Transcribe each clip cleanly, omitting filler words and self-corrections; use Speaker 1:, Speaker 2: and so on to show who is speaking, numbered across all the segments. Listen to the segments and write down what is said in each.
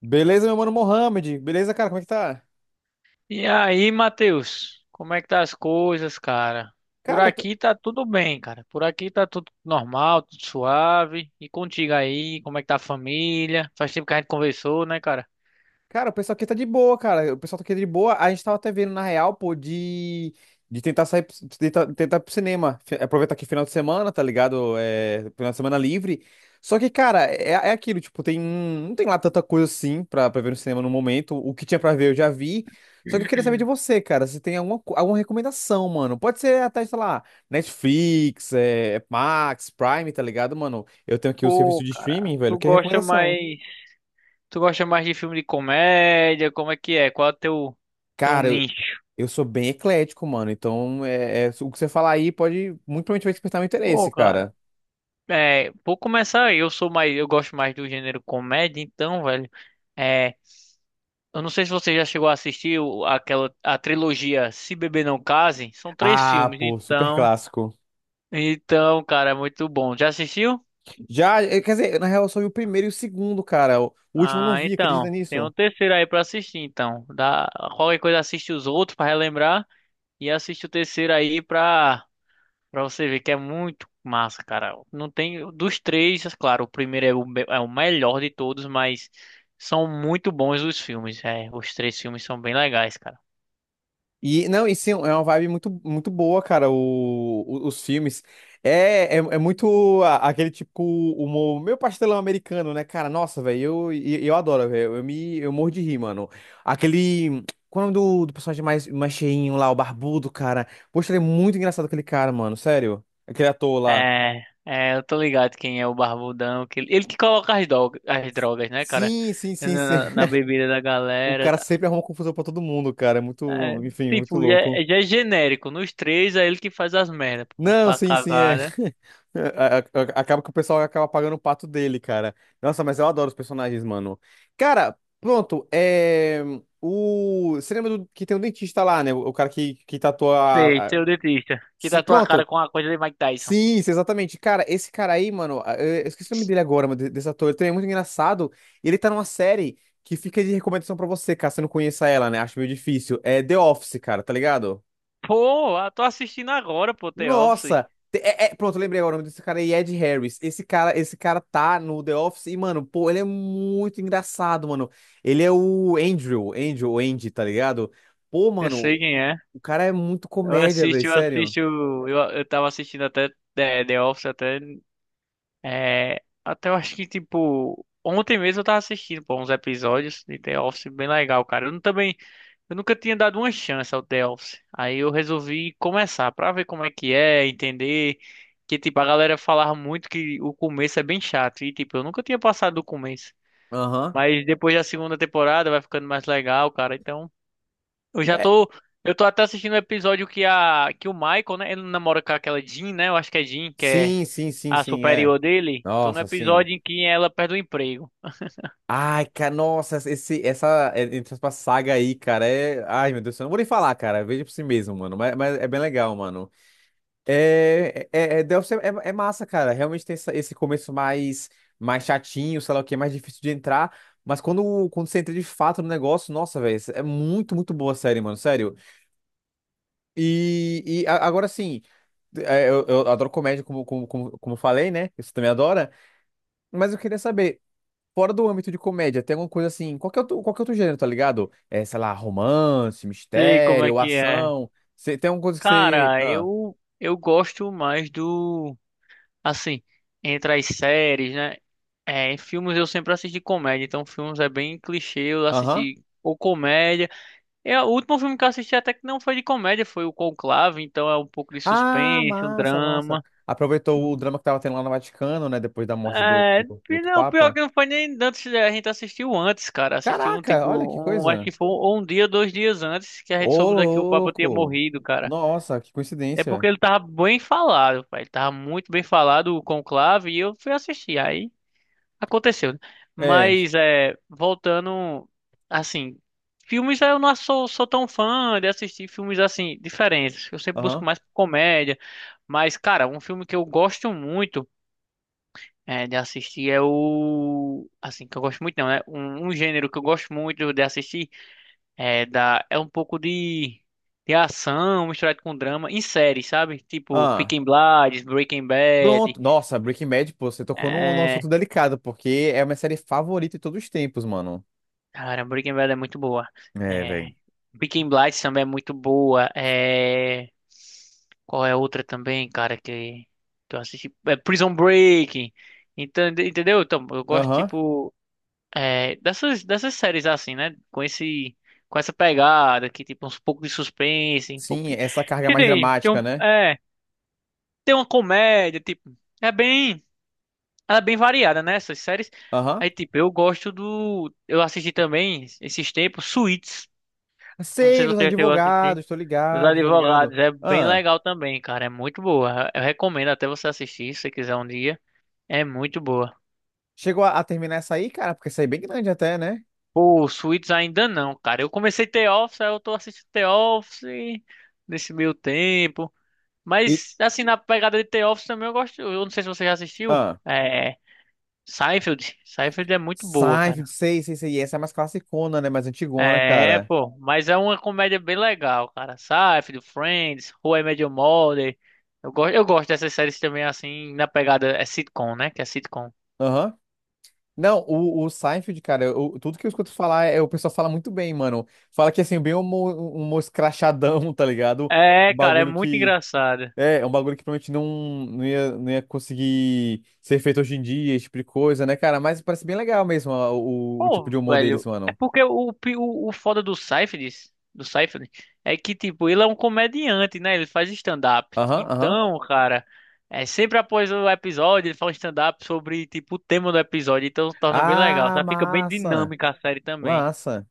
Speaker 1: Beleza, meu mano Mohamed? Beleza, cara? Como é que tá?
Speaker 2: E aí, Matheus, como é que tá as coisas, cara? Por
Speaker 1: Cara, eu tô,
Speaker 2: aqui tá tudo bem, cara. Por aqui tá tudo normal, tudo suave. E contigo aí, como é que tá a família? Faz tempo que a gente conversou, né, cara?
Speaker 1: cara, o pessoal aqui tá de boa, cara. O pessoal tá aqui de boa. A gente tava até vendo, na real, pô, de tentar sair, de tentar ir pro cinema. Aproveitar que é final de semana, tá ligado? É, final de semana livre. Só que, cara, é aquilo, tipo, não tem lá tanta coisa assim pra ver no cinema no momento. O que tinha pra ver eu já vi. Só que eu queria saber de você, cara, se tem alguma recomendação, mano. Pode ser até, sei lá, Netflix, é, Max, Prime, tá ligado, mano? Eu tenho aqui o serviço
Speaker 2: Pô,
Speaker 1: de
Speaker 2: cara,
Speaker 1: streaming, velho. Que recomendação?
Speaker 2: tu gosta mais de filme de comédia? Como é que é? Qual é o teu
Speaker 1: Cara,
Speaker 2: nicho?
Speaker 1: eu sou bem eclético, mano. Então, o que você falar aí pode muito provavelmente vai despertar meu interesse,
Speaker 2: Pô, cara,
Speaker 1: cara.
Speaker 2: vou começar aí. Eu gosto mais do gênero comédia, então, velho. É, Eu não sei se você já chegou a aquela a trilogia Se Beber Não Case. São três
Speaker 1: Ah,
Speaker 2: filmes,
Speaker 1: pô, super
Speaker 2: então.
Speaker 1: clássico.
Speaker 2: Então, cara, é muito bom. Já assistiu?
Speaker 1: Já, quer dizer, na real, eu só vi o primeiro e o segundo, cara. O último eu não
Speaker 2: Ah,
Speaker 1: vi, acredita
Speaker 2: então. Tem
Speaker 1: nisso?
Speaker 2: um terceiro aí pra assistir, então. Qualquer coisa assiste os outros pra relembrar e assiste o terceiro aí pra você ver que é muito massa, cara. Não tem dos três, é claro, o primeiro é é o melhor de todos, mas são muito bons os filmes. É, os três filmes são bem legais, cara.
Speaker 1: E, não, e sim, é uma vibe muito, muito boa, cara, os filmes. É muito aquele tipo humor, meio pastelão americano, né, cara? Nossa, velho, eu adoro, velho. Eu morro de rir, mano. Aquele. Qual é o nome do personagem mais cheinho lá, o barbudo, cara? Poxa, ele é muito engraçado, aquele cara, mano, sério. Aquele ator lá.
Speaker 2: Eu tô ligado quem é o Barbudão. Que, ele que coloca as drogas, né, cara?
Speaker 1: Sim, sim,
Speaker 2: Na,
Speaker 1: sim, sim.
Speaker 2: na na bebida da
Speaker 1: O
Speaker 2: galera.
Speaker 1: cara
Speaker 2: Tá?
Speaker 1: sempre arruma confusão pra todo mundo, cara. É
Speaker 2: É,
Speaker 1: muito, enfim, muito
Speaker 2: tipo,
Speaker 1: louco.
Speaker 2: já é genérico. Nos três é ele que faz as merdas, pô.
Speaker 1: Não,
Speaker 2: Pra
Speaker 1: sim, sim, é.
Speaker 2: cagada.
Speaker 1: Acaba que o pessoal acaba pagando o pato dele, cara. Nossa, mas eu adoro os personagens, mano. Cara, pronto, é. Você lembra que tem um dentista lá, né? O cara que tatua.
Speaker 2: Sei, seu dentista. Que
Speaker 1: Se...
Speaker 2: tá tua cara
Speaker 1: Pronto.
Speaker 2: com a coisa de Mike Tyson.
Speaker 1: Sim, sim, exatamente. Cara, esse cara aí, mano, eu esqueci o nome dele agora, mas desse ator, ele também é muito engraçado. E ele tá numa série que fica de recomendação pra você, caso você não conheça ela, né? Acho meio difícil. É The Office, cara, tá ligado?
Speaker 2: Pô, eu tô assistindo agora, pô, The Office.
Speaker 1: Nossa! Pronto, lembrei agora o nome desse cara é Ed Harris. Esse cara tá no The Office e, mano, pô, ele é muito engraçado, mano. Ele é o Andrew, Andrew, Andy, tá ligado? Pô,
Speaker 2: Eu sei
Speaker 1: mano,
Speaker 2: quem é.
Speaker 1: o cara é muito
Speaker 2: Eu
Speaker 1: comédia, velho,
Speaker 2: assisto, eu
Speaker 1: sério.
Speaker 2: assisto. Eu tava assistindo até The Office até. É, até eu acho que, tipo, ontem mesmo eu tava assistindo, pô, uns episódios de The Office bem legal, cara. Eu não- também, eu nunca tinha dado uma chance ao The Office. Aí eu resolvi começar pra ver como é que é, entender que, tipo, a galera falava muito que o começo é bem chato. E, tipo, eu nunca tinha passado do começo.
Speaker 1: Aham.
Speaker 2: Mas depois da segunda temporada vai ficando mais legal, cara. Então, eu já
Speaker 1: É,
Speaker 2: tô, eu tô até assistindo o episódio que o Michael, né, ele namora com aquela Jean, né? Eu acho que é Jean, que é
Speaker 1: sim, sim, sim,
Speaker 2: a
Speaker 1: sim, é.
Speaker 2: superior dele, tô no
Speaker 1: Nossa, sim.
Speaker 2: episódio em que ela perde o emprego.
Speaker 1: Ai, cara, nossa, esse, essa, é, entre aspas, saga aí, cara, é. Ai, meu Deus, eu não vou nem falar, cara. Veja por si mesmo, mano. Mas é bem legal, mano. The Office é massa, cara. Realmente tem esse começo mais chatinho, sei lá o que, mais difícil de entrar. Mas quando você entra de fato no negócio, nossa, velho, é muito, muito boa a série, mano, sério. E agora sim, é, eu adoro comédia, como eu falei, né? Você também adora. Mas eu queria saber, fora do âmbito de comédia, tem alguma coisa assim, qualquer outro gênero, tá ligado? É, sei lá, romance,
Speaker 2: Sei como é
Speaker 1: mistério,
Speaker 2: que é.
Speaker 1: ação. Você, tem alguma coisa que você.
Speaker 2: Cara,
Speaker 1: Ah,
Speaker 2: eu gosto mais do assim, entre as séries, né? É, em filmes eu sempre assisti comédia, então filmes é bem clichê, eu
Speaker 1: aham.
Speaker 2: assisti ou comédia. É, o último filme que eu assisti até que não foi de comédia, foi o Conclave, então é um pouco de
Speaker 1: Ah,
Speaker 2: suspense, um
Speaker 1: massa, massa.
Speaker 2: drama.
Speaker 1: Aproveitou o drama que tava tendo lá no Vaticano, né? Depois da morte do,
Speaker 2: É,
Speaker 1: do, do outro
Speaker 2: pior
Speaker 1: Papa.
Speaker 2: que não foi nem antes, a gente assistiu antes, cara. Assistiu
Speaker 1: Caraca, olha que
Speaker 2: acho que
Speaker 1: coisa.
Speaker 2: foi um dia, dois dias antes que a gente
Speaker 1: Ô,
Speaker 2: soube daqui o Papa tinha
Speaker 1: louco.
Speaker 2: morrido, cara.
Speaker 1: Nossa, que
Speaker 2: É porque
Speaker 1: coincidência.
Speaker 2: ele tava bem falado, pai. Ele tava muito bem falado o conclave e eu fui assistir. Aí aconteceu, né?
Speaker 1: É,
Speaker 2: Mas é, voltando, assim, filmes eu não sou, sou tão fã de assistir filmes assim, diferentes. Eu sempre busco
Speaker 1: aham.
Speaker 2: mais comédia. Mas, cara, um filme que eu gosto muito é, de assistir é o. Assim, que eu gosto muito, não, né? Um gênero que eu gosto muito de assistir é um pouco de ação misturado com drama em série, sabe? Tipo
Speaker 1: Ah,
Speaker 2: Peaky Blinders, Breaking Bad.
Speaker 1: pronto. Nossa, Breaking Bad, pô, você tocou num assunto
Speaker 2: É...
Speaker 1: delicado, porque é uma série favorita de todos os tempos, mano.
Speaker 2: Cara, Breaking Bad é muito boa.
Speaker 1: É,
Speaker 2: É...
Speaker 1: velho.
Speaker 2: Peaky Blinders também é muito boa. É... Qual é a outra também, cara, que eu assisti? É Prison Break. Entendeu? Então, eu gosto,
Speaker 1: Aham.
Speaker 2: tipo. É, dessas séries assim, né? Com essa pegada que tipo uns pouco de suspense, um pouco
Speaker 1: Sim,
Speaker 2: de-
Speaker 1: essa carga
Speaker 2: que
Speaker 1: mais
Speaker 2: tem, tem um,
Speaker 1: dramática, né?
Speaker 2: é, tem uma comédia, tipo, ela é bem variada, né? Essas séries.
Speaker 1: Aham.
Speaker 2: Aí tipo, eu assisti também esses tempos Suits. Não sei
Speaker 1: Sei,
Speaker 2: se
Speaker 1: dos
Speaker 2: você já chegou a assistir.
Speaker 1: advogados, tô
Speaker 2: Os
Speaker 1: ligado, tô ligado.
Speaker 2: Advogados é bem
Speaker 1: Ah,
Speaker 2: legal também, cara. É muito boa. Eu recomendo até você assistir se você quiser um dia. É muito boa.
Speaker 1: chegou a terminar essa aí, cara, porque essa aí é bem grande até, né?
Speaker 2: Pô, Suits ainda não, cara. Eu comecei The Office, aí eu tô assistindo The Office nesse meio tempo.
Speaker 1: E,
Speaker 2: Mas, assim, na pegada de The Office também eu gosto. Eu não sei se você já assistiu.
Speaker 1: ah,
Speaker 2: É. Seinfeld. Seinfeld é muito boa,
Speaker 1: Seinfeld,
Speaker 2: cara.
Speaker 1: sei, sei, sei. E essa é mais classicona, né? Mais antigona,
Speaker 2: É,
Speaker 1: cara.
Speaker 2: pô. Mas é uma comédia bem legal, cara. Seinfeld, Friends, How I Met Your Mother. Eu gosto dessas séries também, assim, na pegada. É sitcom, né? Que é sitcom.
Speaker 1: Aham. Não, o Seinfeld, cara, tudo que eu escuto falar, é, o pessoal fala muito bem, mano. Fala que, assim, bem um humor escrachadão, tá ligado? Um
Speaker 2: É, cara, é
Speaker 1: bagulho
Speaker 2: muito
Speaker 1: que...
Speaker 2: engraçado.
Speaker 1: É um bagulho que provavelmente não, não ia conseguir ser feito hoje em dia, esse tipo de coisa, né, cara? Mas parece bem legal mesmo ó, o tipo
Speaker 2: Pô,
Speaker 1: de humor deles,
Speaker 2: velho, é
Speaker 1: mano.
Speaker 2: porque o foda do Seyfried, é que, tipo, ele é um comediante, né? Ele faz stand-up.
Speaker 1: Aham, aham.
Speaker 2: Então, cara, é sempre após o episódio, ele faz um stand-up sobre, tipo, o tema do episódio. Então, torna bem legal.
Speaker 1: Ah,
Speaker 2: Tá? Fica bem
Speaker 1: massa.
Speaker 2: dinâmica a série também.
Speaker 1: Massa.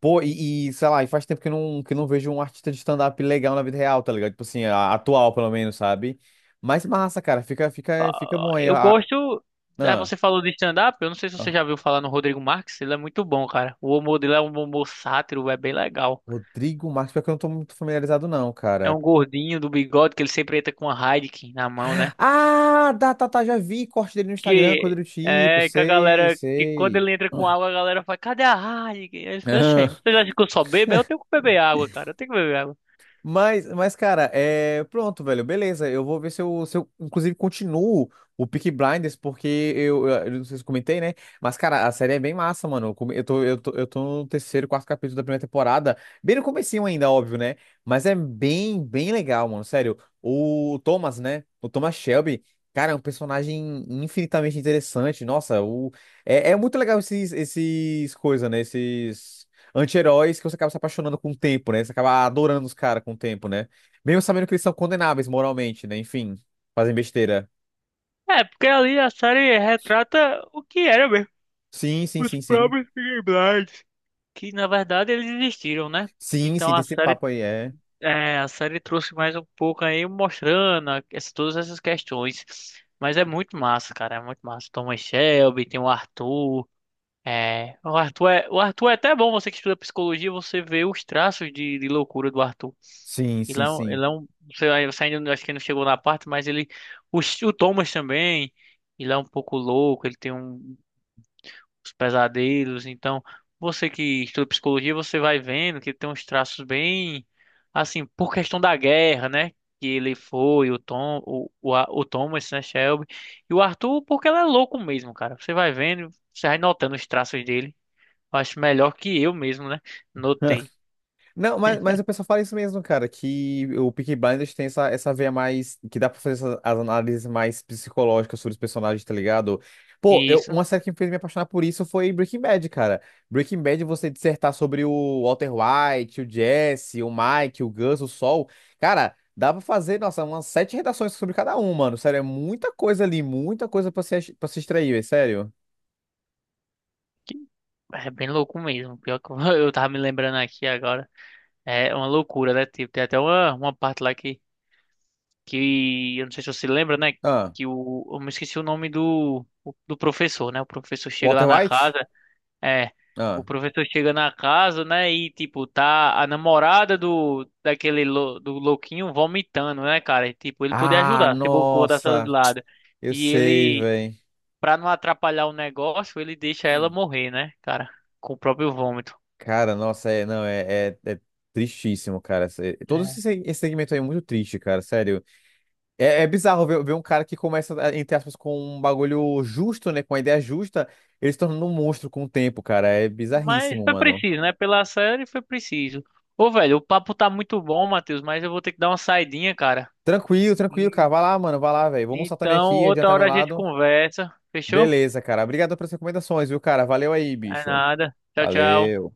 Speaker 1: Pô, sei lá, e faz tempo que eu não vejo um artista de stand-up legal na vida real, tá ligado? Tipo assim, atual, pelo menos, sabe? Mas massa, cara, fica bom aí.
Speaker 2: Eu
Speaker 1: Ah,
Speaker 2: gosto. Ah,
Speaker 1: ah,
Speaker 2: você falou de stand-up, eu não sei se você
Speaker 1: ah,
Speaker 2: já viu falar no Rodrigo Marques, ele é muito bom, cara. O humor dele é um humor sátiro, é bem legal.
Speaker 1: Rodrigo Marques, pior que eu não tô muito familiarizado, não,
Speaker 2: É
Speaker 1: cara.
Speaker 2: um gordinho do bigode que ele sempre entra com a Heineken na mão, né?
Speaker 1: Ah, tá, tá, tá, já vi corte dele no Instagram, coisa do
Speaker 2: Que
Speaker 1: tipo,
Speaker 2: é que a
Speaker 1: sei,
Speaker 2: galera que quando
Speaker 1: sei.
Speaker 2: ele entra com água, a galera fala, cadê a Heineken? Aí eu falei, "Oxê, vocês acham que eu só bebo? Eu tenho que beber água, cara. Eu tenho que beber água.
Speaker 1: Mas, cara, é. Pronto, velho, beleza. Eu vou ver se eu inclusive, continuo o Peaky Blinders, porque eu não sei se eu comentei, né? Mas, cara, a série é bem massa, mano. Eu, come- eu tô, eu tô, eu tô no terceiro, quarto capítulo da primeira temporada. Bem no comecinho ainda, óbvio, né? Mas é bem legal, mano. Sério. O Thomas, né? O Thomas Shelby, cara, é um personagem infinitamente interessante. Nossa, é muito legal esses, esses coisas, né? Esses anti-heróis que você acaba se apaixonando com o tempo, né? Você acaba adorando os caras com o tempo, né? Mesmo sabendo que eles são condenáveis moralmente, né? Enfim, fazem besteira.
Speaker 2: É, porque ali a série retrata o que era mesmo.
Speaker 1: Sim, sim,
Speaker 2: Os
Speaker 1: sim, sim.
Speaker 2: próprios Peaky Blinders. Que na verdade eles existiram, né?
Speaker 1: Sim,
Speaker 2: Então
Speaker 1: sim, tem
Speaker 2: a
Speaker 1: esse
Speaker 2: série,
Speaker 1: papo aí, é.
Speaker 2: é, a série trouxe mais um pouco aí mostrando todas essas questões. Mas é muito massa, cara. É muito massa. Thomas Shelby, tem o Arthur. É, o Arthur é até bom, você que estuda psicologia, você vê os traços de loucura do Arthur.
Speaker 1: Sim, sim, sim.
Speaker 2: Ele é um, você ainda não- acho que não chegou na parte, mas ele, o, o Thomas também, ele é um pouco louco, ele tem uns pesadelos, então você que estuda psicologia, você vai vendo que ele tem uns traços bem, assim, por questão da guerra, né? Que ele foi, o Tom, o Thomas, né, Shelby, e o Arthur, porque ele é louco mesmo, cara. Você vai vendo, você vai notando os traços dele. Acho melhor que eu mesmo, né? Notei.
Speaker 1: Não, mas o pessoal fala isso mesmo, cara, que o Peaky Blinders tem essa, essa veia mais, que dá pra fazer essas, as análises mais psicológicas sobre os personagens, tá ligado? Pô,
Speaker 2: E isso
Speaker 1: uma série que me fez me apaixonar por isso foi Breaking Bad, cara. Breaking Bad, você dissertar sobre o Walter White, o Jesse, o Mike, o Gus, o Sol, cara, dá pra fazer, nossa, umas sete redações sobre cada um, mano, sério, é muita coisa ali, muita coisa pra se extrair, velho, sério.
Speaker 2: que é bem louco mesmo. Pior que eu eu tava me lembrando aqui agora. É uma loucura, né? Tipo, tem até uma parte lá que eu não sei se você lembra, né?
Speaker 1: Ah,
Speaker 2: Que o, eu me esqueci o nome do professor, né? O professor chega
Speaker 1: Walter
Speaker 2: lá na
Speaker 1: White?
Speaker 2: casa. É. O
Speaker 1: Ah,
Speaker 2: professor chega na casa, né? E tipo, tá a namorada do do louquinho vomitando, né, cara? E, tipo, ele podia ajudar, se bocou da sala de
Speaker 1: nossa,
Speaker 2: lado.
Speaker 1: eu
Speaker 2: E
Speaker 1: sei,
Speaker 2: ele
Speaker 1: velho.
Speaker 2: Pra não atrapalhar o negócio, ele deixa ela morrer, né, cara? Com o próprio vômito.
Speaker 1: Cara, nossa, é, não, é tristíssimo, cara. Todo esse
Speaker 2: É.
Speaker 1: esse segmento aí é muito triste, cara, sério. É bizarro ver um cara que começa, entre aspas, com um bagulho justo, né, com uma ideia justa, ele se tornando um monstro com o tempo, cara. É
Speaker 2: Mas
Speaker 1: bizarríssimo,
Speaker 2: foi
Speaker 1: mano.
Speaker 2: preciso, né? Pela série foi preciso. Ô, velho, o papo tá muito bom, Matheus, mas eu vou ter que dar uma saidinha, cara.
Speaker 1: Tranquilo, tranquilo,
Speaker 2: E-
Speaker 1: cara. Vai lá, mano, vai lá, velho. Vou almoçar também
Speaker 2: Então,
Speaker 1: aqui,
Speaker 2: outra
Speaker 1: adiantar meu
Speaker 2: hora a gente
Speaker 1: lado.
Speaker 2: conversa. Fechou?
Speaker 1: Beleza, cara. Obrigado pelas recomendações, viu, cara? Valeu aí,
Speaker 2: É
Speaker 1: bicho.
Speaker 2: nada. Tchau, tchau.
Speaker 1: Valeu.